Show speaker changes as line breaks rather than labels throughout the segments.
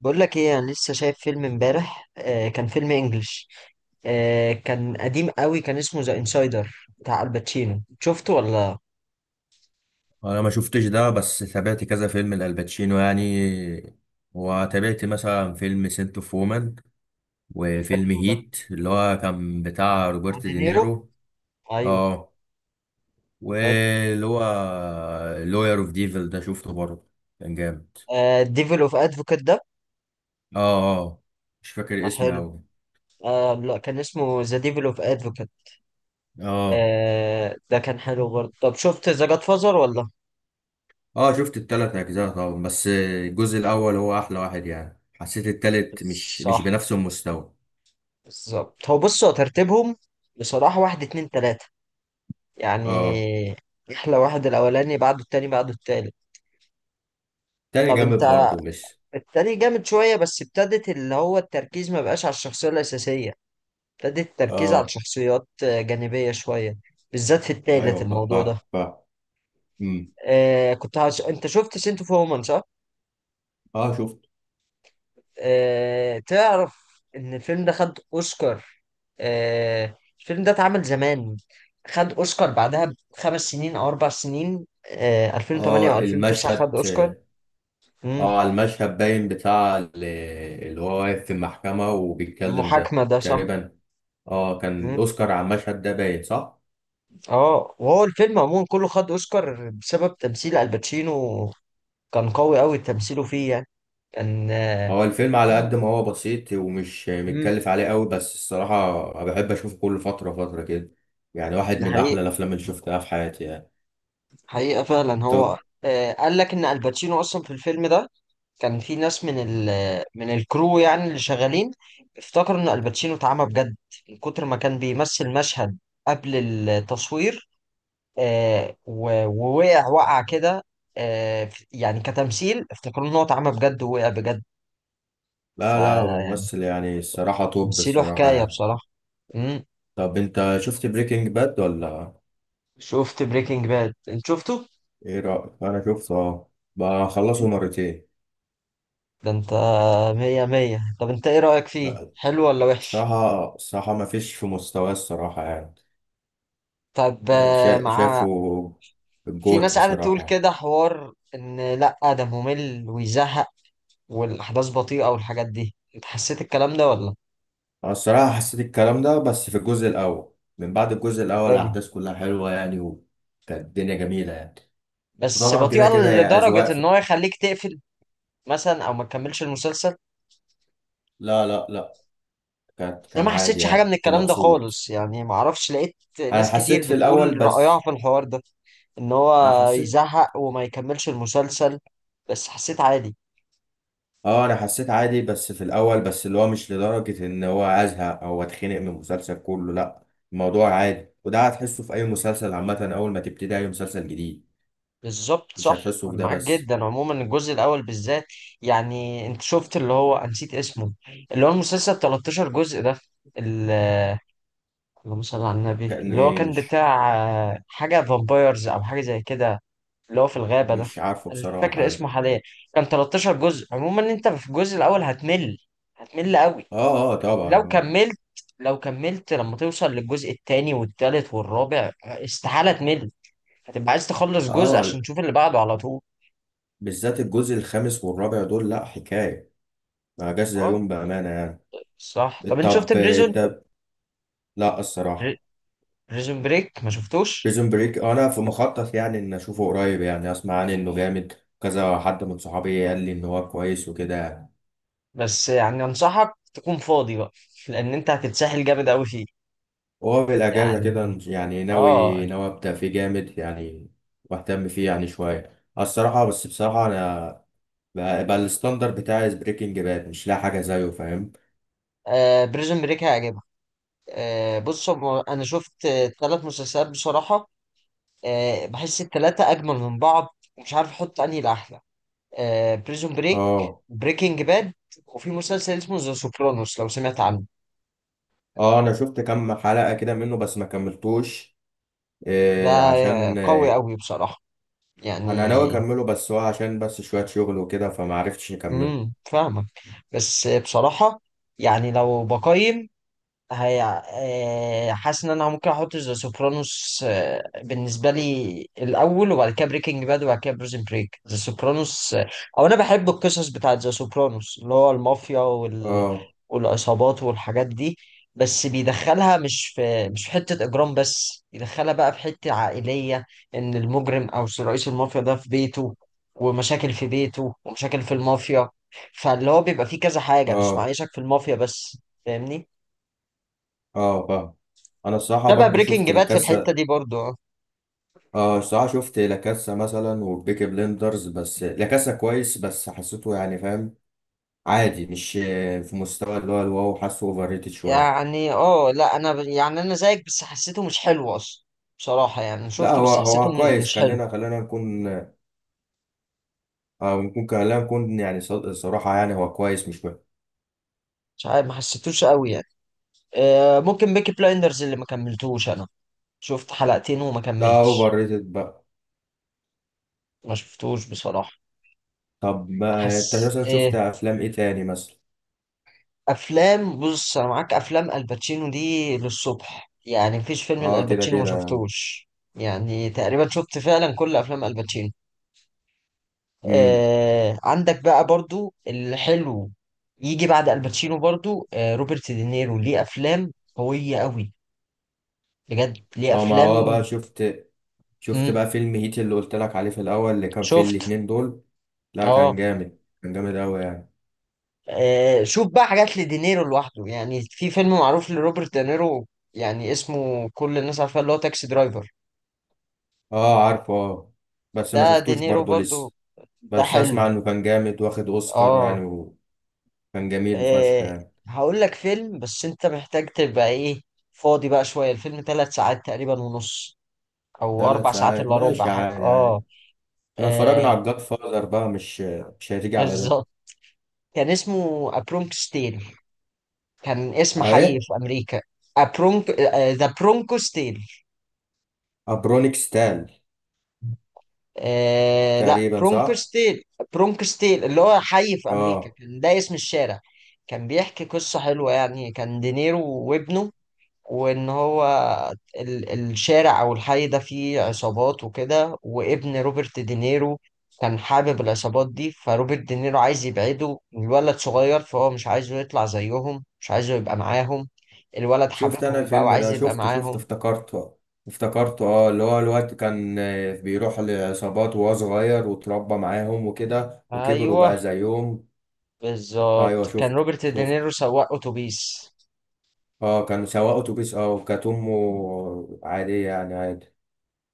بقول لك ايه، انا لسه شايف فيلم امبارح. كان فيلم انجلش، كان قديم قوي، كان اسمه ذا انسايدر بتاع الباتشينو. شفته ولا؟
انا ما شفتش ده، بس تابعت كذا فيلم لالباتشينو يعني، وتابعت مثلا فيلم سنت اوف وومن، وفيلم
حلو ده
هيت اللي هو كان بتاع
مع
روبرت
دينيرو.
دينيرو.
ايوه،
اه.
حلو.
واللي هو لوير اوف ديفل ده شفته برضه، كان جامد.
آه، ديفل اوف ادفوكات ده.
اه. اه. مش فاكر
آه،
اسمي
حلو.
اوي.
آه لا، كان اسمه ذا ديفل اوف ادفوكات.
اه.
آه، ده كان حلو برضه. طب، شفت ذا جاد فازر ولا؟
اه. شفت التلات اجزاء طبعا، بس الجزء الاول هو احلى واحد يعني، حسيت التالت مش
صح،
بنفس المستوى.
بالظبط. هو بص، هو ترتيبهم بصراحة واحد اتنين تلاتة
اه،
يعني. احلى واحد الاولاني، بعده التاني، بعده التالت.
تاني
طب
جامد
انت
برضه مش
التاني جامد شوية، بس ابتدت اللي هو التركيز ما بقاش على الشخصية الأساسية. ابتدت التركيز على
اه،
شخصيات جانبية شوية، بالذات في التالت،
ايوه، فا
الموضوع ده.
فا فا امم
انت شفت سنت اوف وومن صح؟
اه، شفت
آه، تعرف ان الفيلم ده خد اوسكار؟ آه، الفيلم ده اتعمل زمان، خد اوسكار بعدها بخمس سنين او اربع سنين، 2008
اه
او 2009
المشهد.
خد اوسكار. مم.
اه، على المشهد باين بتاع اللي هو واقف في المحكمة وبيتكلم ده
المحاكمة ده صح.
تقريبا. اه، كان الاوسكار على المشهد ده باين صح.
اه، وهو الفيلم عموما كله خد اوسكار بسبب تمثيل الباتشينو. كان قوي قوي تمثيله فيه يعني. كان آه،
هو الفيلم على قد
في
ما هو بسيط ومش
مم،
متكلف عليه قوي، بس الصراحة أنا بحب اشوفه كل فترة فترة كده. يعني واحد
دي
من
حقيقة،
احلى الافلام اللي شفتها في حياتي يعني.
حقيقة فعلا هو.
طب.
آه، قال لك ان الباتشينو اصلا في الفيلم ده كان في ناس من الكرو، يعني اللي شغالين افتكروا ان الباتشينو اتعمى بجد من كتر ما كان بيمثل مشهد قبل التصوير. ووقع كده. آه، يعني كتمثيل افتكروا ان هو اتعمى بجد ووقع بجد. ف
لا، لا هو ممثل يعني، الصراحة توب
بس له
الصراحة
حكاية
يعني.
بصراحة. امم
طب انت شفت بريكنج باد ولا؟
شفت بريكنج باد؟ انت شفته؟
ايه رأيك، انا شفته اه. بخلصه مرتين.
ده انت مية مية. طب انت ايه رأيك فيه؟
لا.
حلو ولا وحش؟
الصراحة ما فيش في مستواه، الصراحة يعني.
طب، آه، مع
شايفه
في
الجوت
ناس قاعدة تقول
بصراحة.
كده حوار ان لأ ده ممل ويزهق، والأحداث بطيئة والحاجات دي. انت حسيت الكلام ده ولا؟
انا الصراحة حسيت الكلام ده، بس في الجزء الاول، من بعد الجزء الاول
حلو،
الاحداث كلها حلوة يعني، وكانت الدنيا جميلة يعني.
بس
وطبعا كده
بطيئة
كده هي اذواق
لدرجة ان
في...
هو يخليك تقفل مثلا، او ما تكملش المسلسل.
لا لا لا، كانت
انا
كان
ما
عادي
حسيتش حاجه
يعني،
من
كنت
الكلام ده
مبسوط.
خالص يعني، ما اعرفش لقيت
انا
ناس كتير
حسيت في الاول
بتقول رايها
بس.
في الحوار ده، ان
انا
هو
حسيت
يزهق وما يكملش المسلسل، بس حسيت عادي.
اه انا حسيت عادي بس في الاول بس، اللي هو مش لدرجة ان هو ازهق او اتخنق من المسلسل كله، لا. الموضوع عادي، وده هتحسه في اي مسلسل عامة، اول ما تبتدي اي مسلسل جديد،
بالظبط،
مش
صح.
هتحسه في
انا
ده
معاك
بس.
جدا، عموما الجزء الاول بالذات. يعني انت شفت اللي هو أنا نسيت اسمه، اللي هو المسلسل 13 جزء ده؟ ال- اللهم صل على النبي،
كان
اللي هو
ايه؟
كان
مش
بتاع حاجه فامبايرز، او حاجه زي كده، اللي هو في الغابة ده.
مش عارفه
أنا مش
بصراحة
فاكر
ده.
اسمه حاليا. كان 13 جزء. عموما أنت في الجزء الأول هتمل، هتمل قوي.
اه، اه، طبعا،
لو
اه.
كملت لو كملت لما توصل للجزء التاني والتالت والرابع، استحالة تمل. هتبقى عايز تخلص جزء
اه،
عشان تشوف اللي بعده على طول.
بالذات الجزء الخامس والرابع دول لا حكاية. ما جاش
اه،
زيهم بأمانة يعني.
صح. طب، أنت
طب
شفت بريزون
انت لا، الصراحة.
بريزون بريك ما شفتوش؟
بريزون بريك انا في مخطط يعني ان اشوفه قريب، يعني اسمع عنه انه جامد. كذا حد من صحابي قال لي ان هو كويس وكده.
بس يعني أنصحك تكون فاضي بقى، لأن أنت هتتسحل جامد قوي فيه
وهو بالاجازه كده
يعني.
يعني
اه.
ناوي ناوي ابدا فيه جامد يعني. واهتم فيه يعني شويه الصراحه، بس بصراحه انا بقى الستاندر بتاعي بريكنج باد، مش لاقي حاجه زيه، فاهم؟
آه، بريزون بريك هيعجبك. آه، بص، هو انا شفت ثلاث مسلسلات بصراحه. آه، بحس الثلاثه اجمل من بعض ومش عارف احط انهي الاحلى. بريزون بريك،
اه،
بريكنج باد، وفي مسلسل اسمه ذا سوبرانوس لو سمعت عنه.
اه، انا شفت كام حلقه كده منه بس ما كملتوش.
ده
إيه، عشان
قوي
إيه؟
قوي بصراحه يعني.
انا ناوي اكمله، بس هو عشان بس شويه شغل وكده، فما عرفتش اكمله.
فاهمك. بس بصراحه يعني، لو بقيم، هي حاسس ان انا ممكن احط ذا سوبرانوس، بالنسبه لي، الاول وبعد كده بريكنج باد وبعد كده بريزن بريك. ذا سوبرانوس، او انا بحب القصص بتاعت ذا سوبرانوس اللي هو المافيا
اه،
والعصابات والحاجات دي. بس بيدخلها مش في حته اجرام بس، يدخلها بقى في حته عائليه. ان المجرم او رئيس المافيا ده في بيته، ومشاكل في بيته ومشاكل في المافيا. فاللي هو بيبقى فيه كذا حاجه، مش
اه،
معيشك في المافيا بس، فاهمني.
اه، فاهم. انا الصراحه
شبه
برضو
بريكنج
شفت
باد في الحتة
لاكاسا.
دي برضو، اه.
اه، الصراحه شفت لاكاسا مثلا وبيكي بلندرز، بس لاكاسا كويس بس حسيته يعني، فاهم؟ عادي، مش في مستوى اللي هو الواو، حاسه اوفر ريتد شويه.
يعني اه لا، يعني انا زيك، بس حسيته مش حلو اصلا بصراحة يعني.
لا،
شفته
هو
بس حسيته
هو
م-
كويس،
مش حلو.
خلينا خلينا نكون نكون خلينا نكون يعني صراحه يعني، هو كويس مش وحش.
مش عارف، ما حسيتوش قوي يعني. آه، ممكن بيكي بلايندرز اللي ما كملتوش انا، شفت حلقتين وما
ده اوفر
كملتش.
ريتد بقى.
ما شفتوش بصراحة.
طب ما انت
حس
مثلا شفت
إيه،
افلام ايه تاني مثلا؟
افلام؟ بص، انا معاك، افلام الباتشينو دي للصبح يعني، مفيش فيلم
اه، كده
الالباتشينو ما
كده.
شفتوش، يعني تقريبا شفت فعلا كل افلام الباتشينو. آه، عندك بقى برضو الحلو يجي بعد الباتشينو. برضو روبرت دينيرو ليه افلام قوية قوي، بجد ليه
اه، ما هو
افلام.
بقى شفت
مم.
بقى فيلم هيت اللي قلت لك عليه في الاول، اللي كان فيه
شفت.
الاتنين دول. لا، كان
اه،
جامد، كان جامد قوي يعني.
آه، شوف بقى حاجات لدينيرو لوحده، يعني في فيلم معروف لروبرت دينيرو، يعني اسمه كل الناس عارفاه، اللي هو تاكسي درايفر.
اه، عارفه، اه. بس ما
ده
شفتوش
دينيرو
برضه
برضو.
لسه.
ده
بس
حلو،
اسمع انه كان جامد واخد اوسكار
اه.
يعني، وكان جميل فشخ
آه،
يعني.
هقول لك فيلم، بس انت محتاج تبقى ايه، فاضي بقى شوية. الفيلم ثلاث ساعات تقريبا ونص، او
ثلاث
اربع ساعات
ساعات
الا ربع
ماشي،
حاجه،
عادي عادي.
اه.
احنا اتفرجنا
آه،
على الجاد فاذر بقى مش هتيجي على ده.
بالظبط، كان اسمه ابرونكس تيل، كان اسم حي
اهي.
في امريكا. ابرونك ذا برونكوس تيل.
ابرونيك ستال.
آه لا،
تقريبا صح.
برونكوس تيل. برونكوس تيل اللي هو حي في امريكا،
اه
كان ده اسم الشارع. كان بيحكي قصه حلوه، يعني كان دينيرو وابنه، وان هو الشارع او الحي ده فيه عصابات وكده، وابن روبرت دينيرو كان حابب العصابات دي، فروبرت دينيرو عايز يبعده، الولد صغير، فهو مش عايزه يطلع زيهم، مش عايزه يبقى معاهم. الولد
شفت، انا
حاببهم بقى
الفيلم
وعايز
ده
يبقى
شفته
معاهم.
افتكرته. اه اللي هو الوقت كان بيروح لعصابات وهو صغير واتربى معاهم وكده، وكبر
ايوه،
وبقى زيهم.
بالظبط.
ايوه،
كان
شفته
روبرت
شفته.
دينيرو سواق اتوبيس.
اه، كان سواق اتوبيس، اه، وكانت امه عادية يعني، عادي.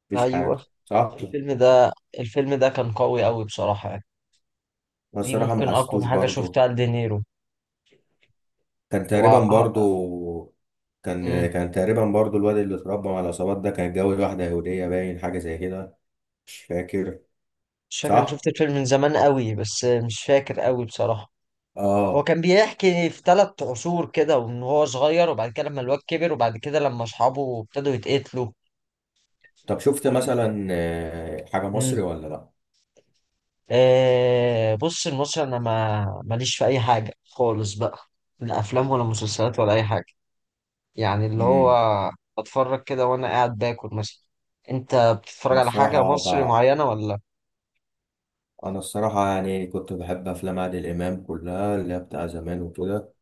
مفيش
ايوه،
حاجة، صح؟
الفيلم ده الفيلم ده كان قوي قوي بصراحة يعني.
أنا
دي
الصراحة ما
ممكن اقوى
حسيتوش
حاجة
برضه.
شفتها لدينيرو.
كان تقريبا
هو
برضه كان تقريبا برضه الواد اللي اتربى مع العصابات ده كان اتجوز واحدة يهودية باين، حاجة زي كده. مش فاكر.
مش فاكر، انا شفت
صح؟
الفيلم من زمان قوي، بس مش فاكر قوي بصراحة. هو
اه.
كان بيحكي في ثلاث عصور كده، وان هو صغير، وبعد كده لما الواد كبر، وبعد كده لما اصحابه ابتدوا يتقتلوا
طب شفت
وال-
مثلا حاجة مصري
مم.
ولا لأ؟
آه، بص، المصري انا ما ماليش في اي حاجة خالص بقى، لا افلام ولا مسلسلات ولا اي حاجة، يعني اللي هو
امم
بتفرج كده وانا قاعد باكل مثلا. انت بتتفرج
أنا
على حاجة
الصراحة ب...
مصري معينة ولا؟
أنا الصراحة يعني كنت بحب أفلام عادل إمام كلها اللي هي بتاع زمان وكده.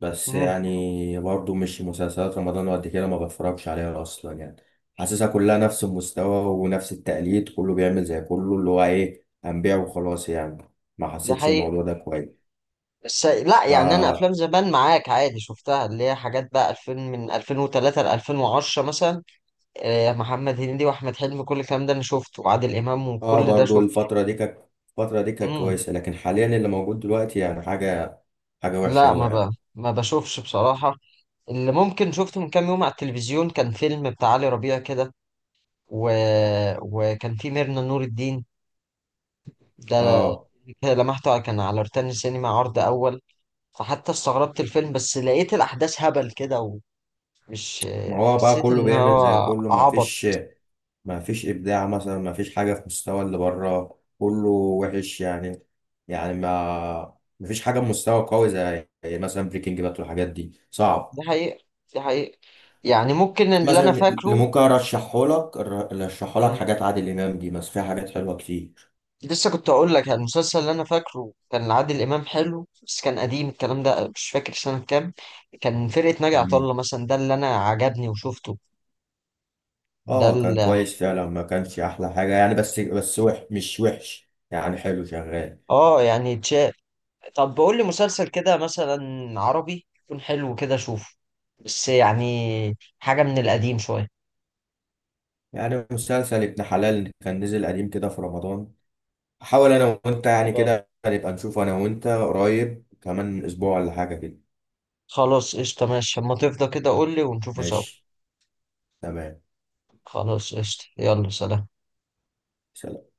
بس
مم.
يعني برضو مش مسلسلات رمضان وقد كده، ما بتفرجش عليها أصلا يعني. حاسسها كلها نفس المستوى ونفس التقليد، كله بيعمل زي كله، اللي هو إيه، هنبيع وخلاص يعني. ما
ده
حسيتش
حقيقي.
الموضوع ده كويس.
بس لا يعني، انا
فا
افلام زمان معاك عادي شفتها، اللي هي حاجات بقى 2000، من 2003 ل 2010 مثلا. آه، محمد هنيدي واحمد حلمي كل الكلام ده انا شفته، وعادل امام
آه
وكل ده
برضو
شفته.
الفترة دي كانت
امم
كويسة، لكن حاليا اللي موجود دلوقتي يعني حاجة وحشة
لا،
أوي
ما ب...
يعني.
ما بشوفش بصراحة. اللي ممكن شفته من كام يوم على التلفزيون كان فيلم بتاع علي ربيع كده، و... وكان فيه ميرنا نور الدين ده.
اه،
كده لمحته، كان على روتانا السينما عرض اول، فحتى استغربت الفيلم، بس لقيت الاحداث هبل كده ومش،
ما هو بقى
حسيت
كله
ان
بيعمل زي
هو
كله، ما
عبط.
فيش ما فيش ابداع مثلا، ما فيش حاجه في مستوى اللي بره، كله وحش يعني. يعني ما فيش حاجه بمستوى قوي، زي مثلا بريكنج بات والحاجات دي،
دي
صعب.
حقيقة، دي حقيقة، يعني ممكن اللي أنا
مثلا اللي
فاكره.
ممكن ارشحه لك
مم.
حاجات عادل امام دي، بس فيها حاجات حلوه كتير.
لسه كنت أقول لك يعني، المسلسل اللي أنا فاكره كان عادل إمام حلو، بس كان قديم الكلام ده، مش فاكر سنة كام، كان فرقة ناجي عطا
مم.
الله مثلا، ده اللي أنا عجبني وشفته. ده
اه، كان
اللي
كويس فعلا، ما كانش احلى حاجه يعني، بس مش وحش يعني، حلو شغال.
آه يعني طب، بقول لي مسلسل كده مثلا عربي يكون حلو كده أشوفه، بس يعني حاجة من القديم شوية.
يعني مسلسل ابن حلال كان نزل قديم كده في رمضان. حاول انا وانت يعني كده نبقى نشوف انا وانت قريب، كمان اسبوع ولا حاجة كده.
خلاص قشطة، ماشي، أما تفضى كده قول لي ونشوفه سوا.
ماشي. تمام.
خلاص قشطة، يلا سلام.
سلام.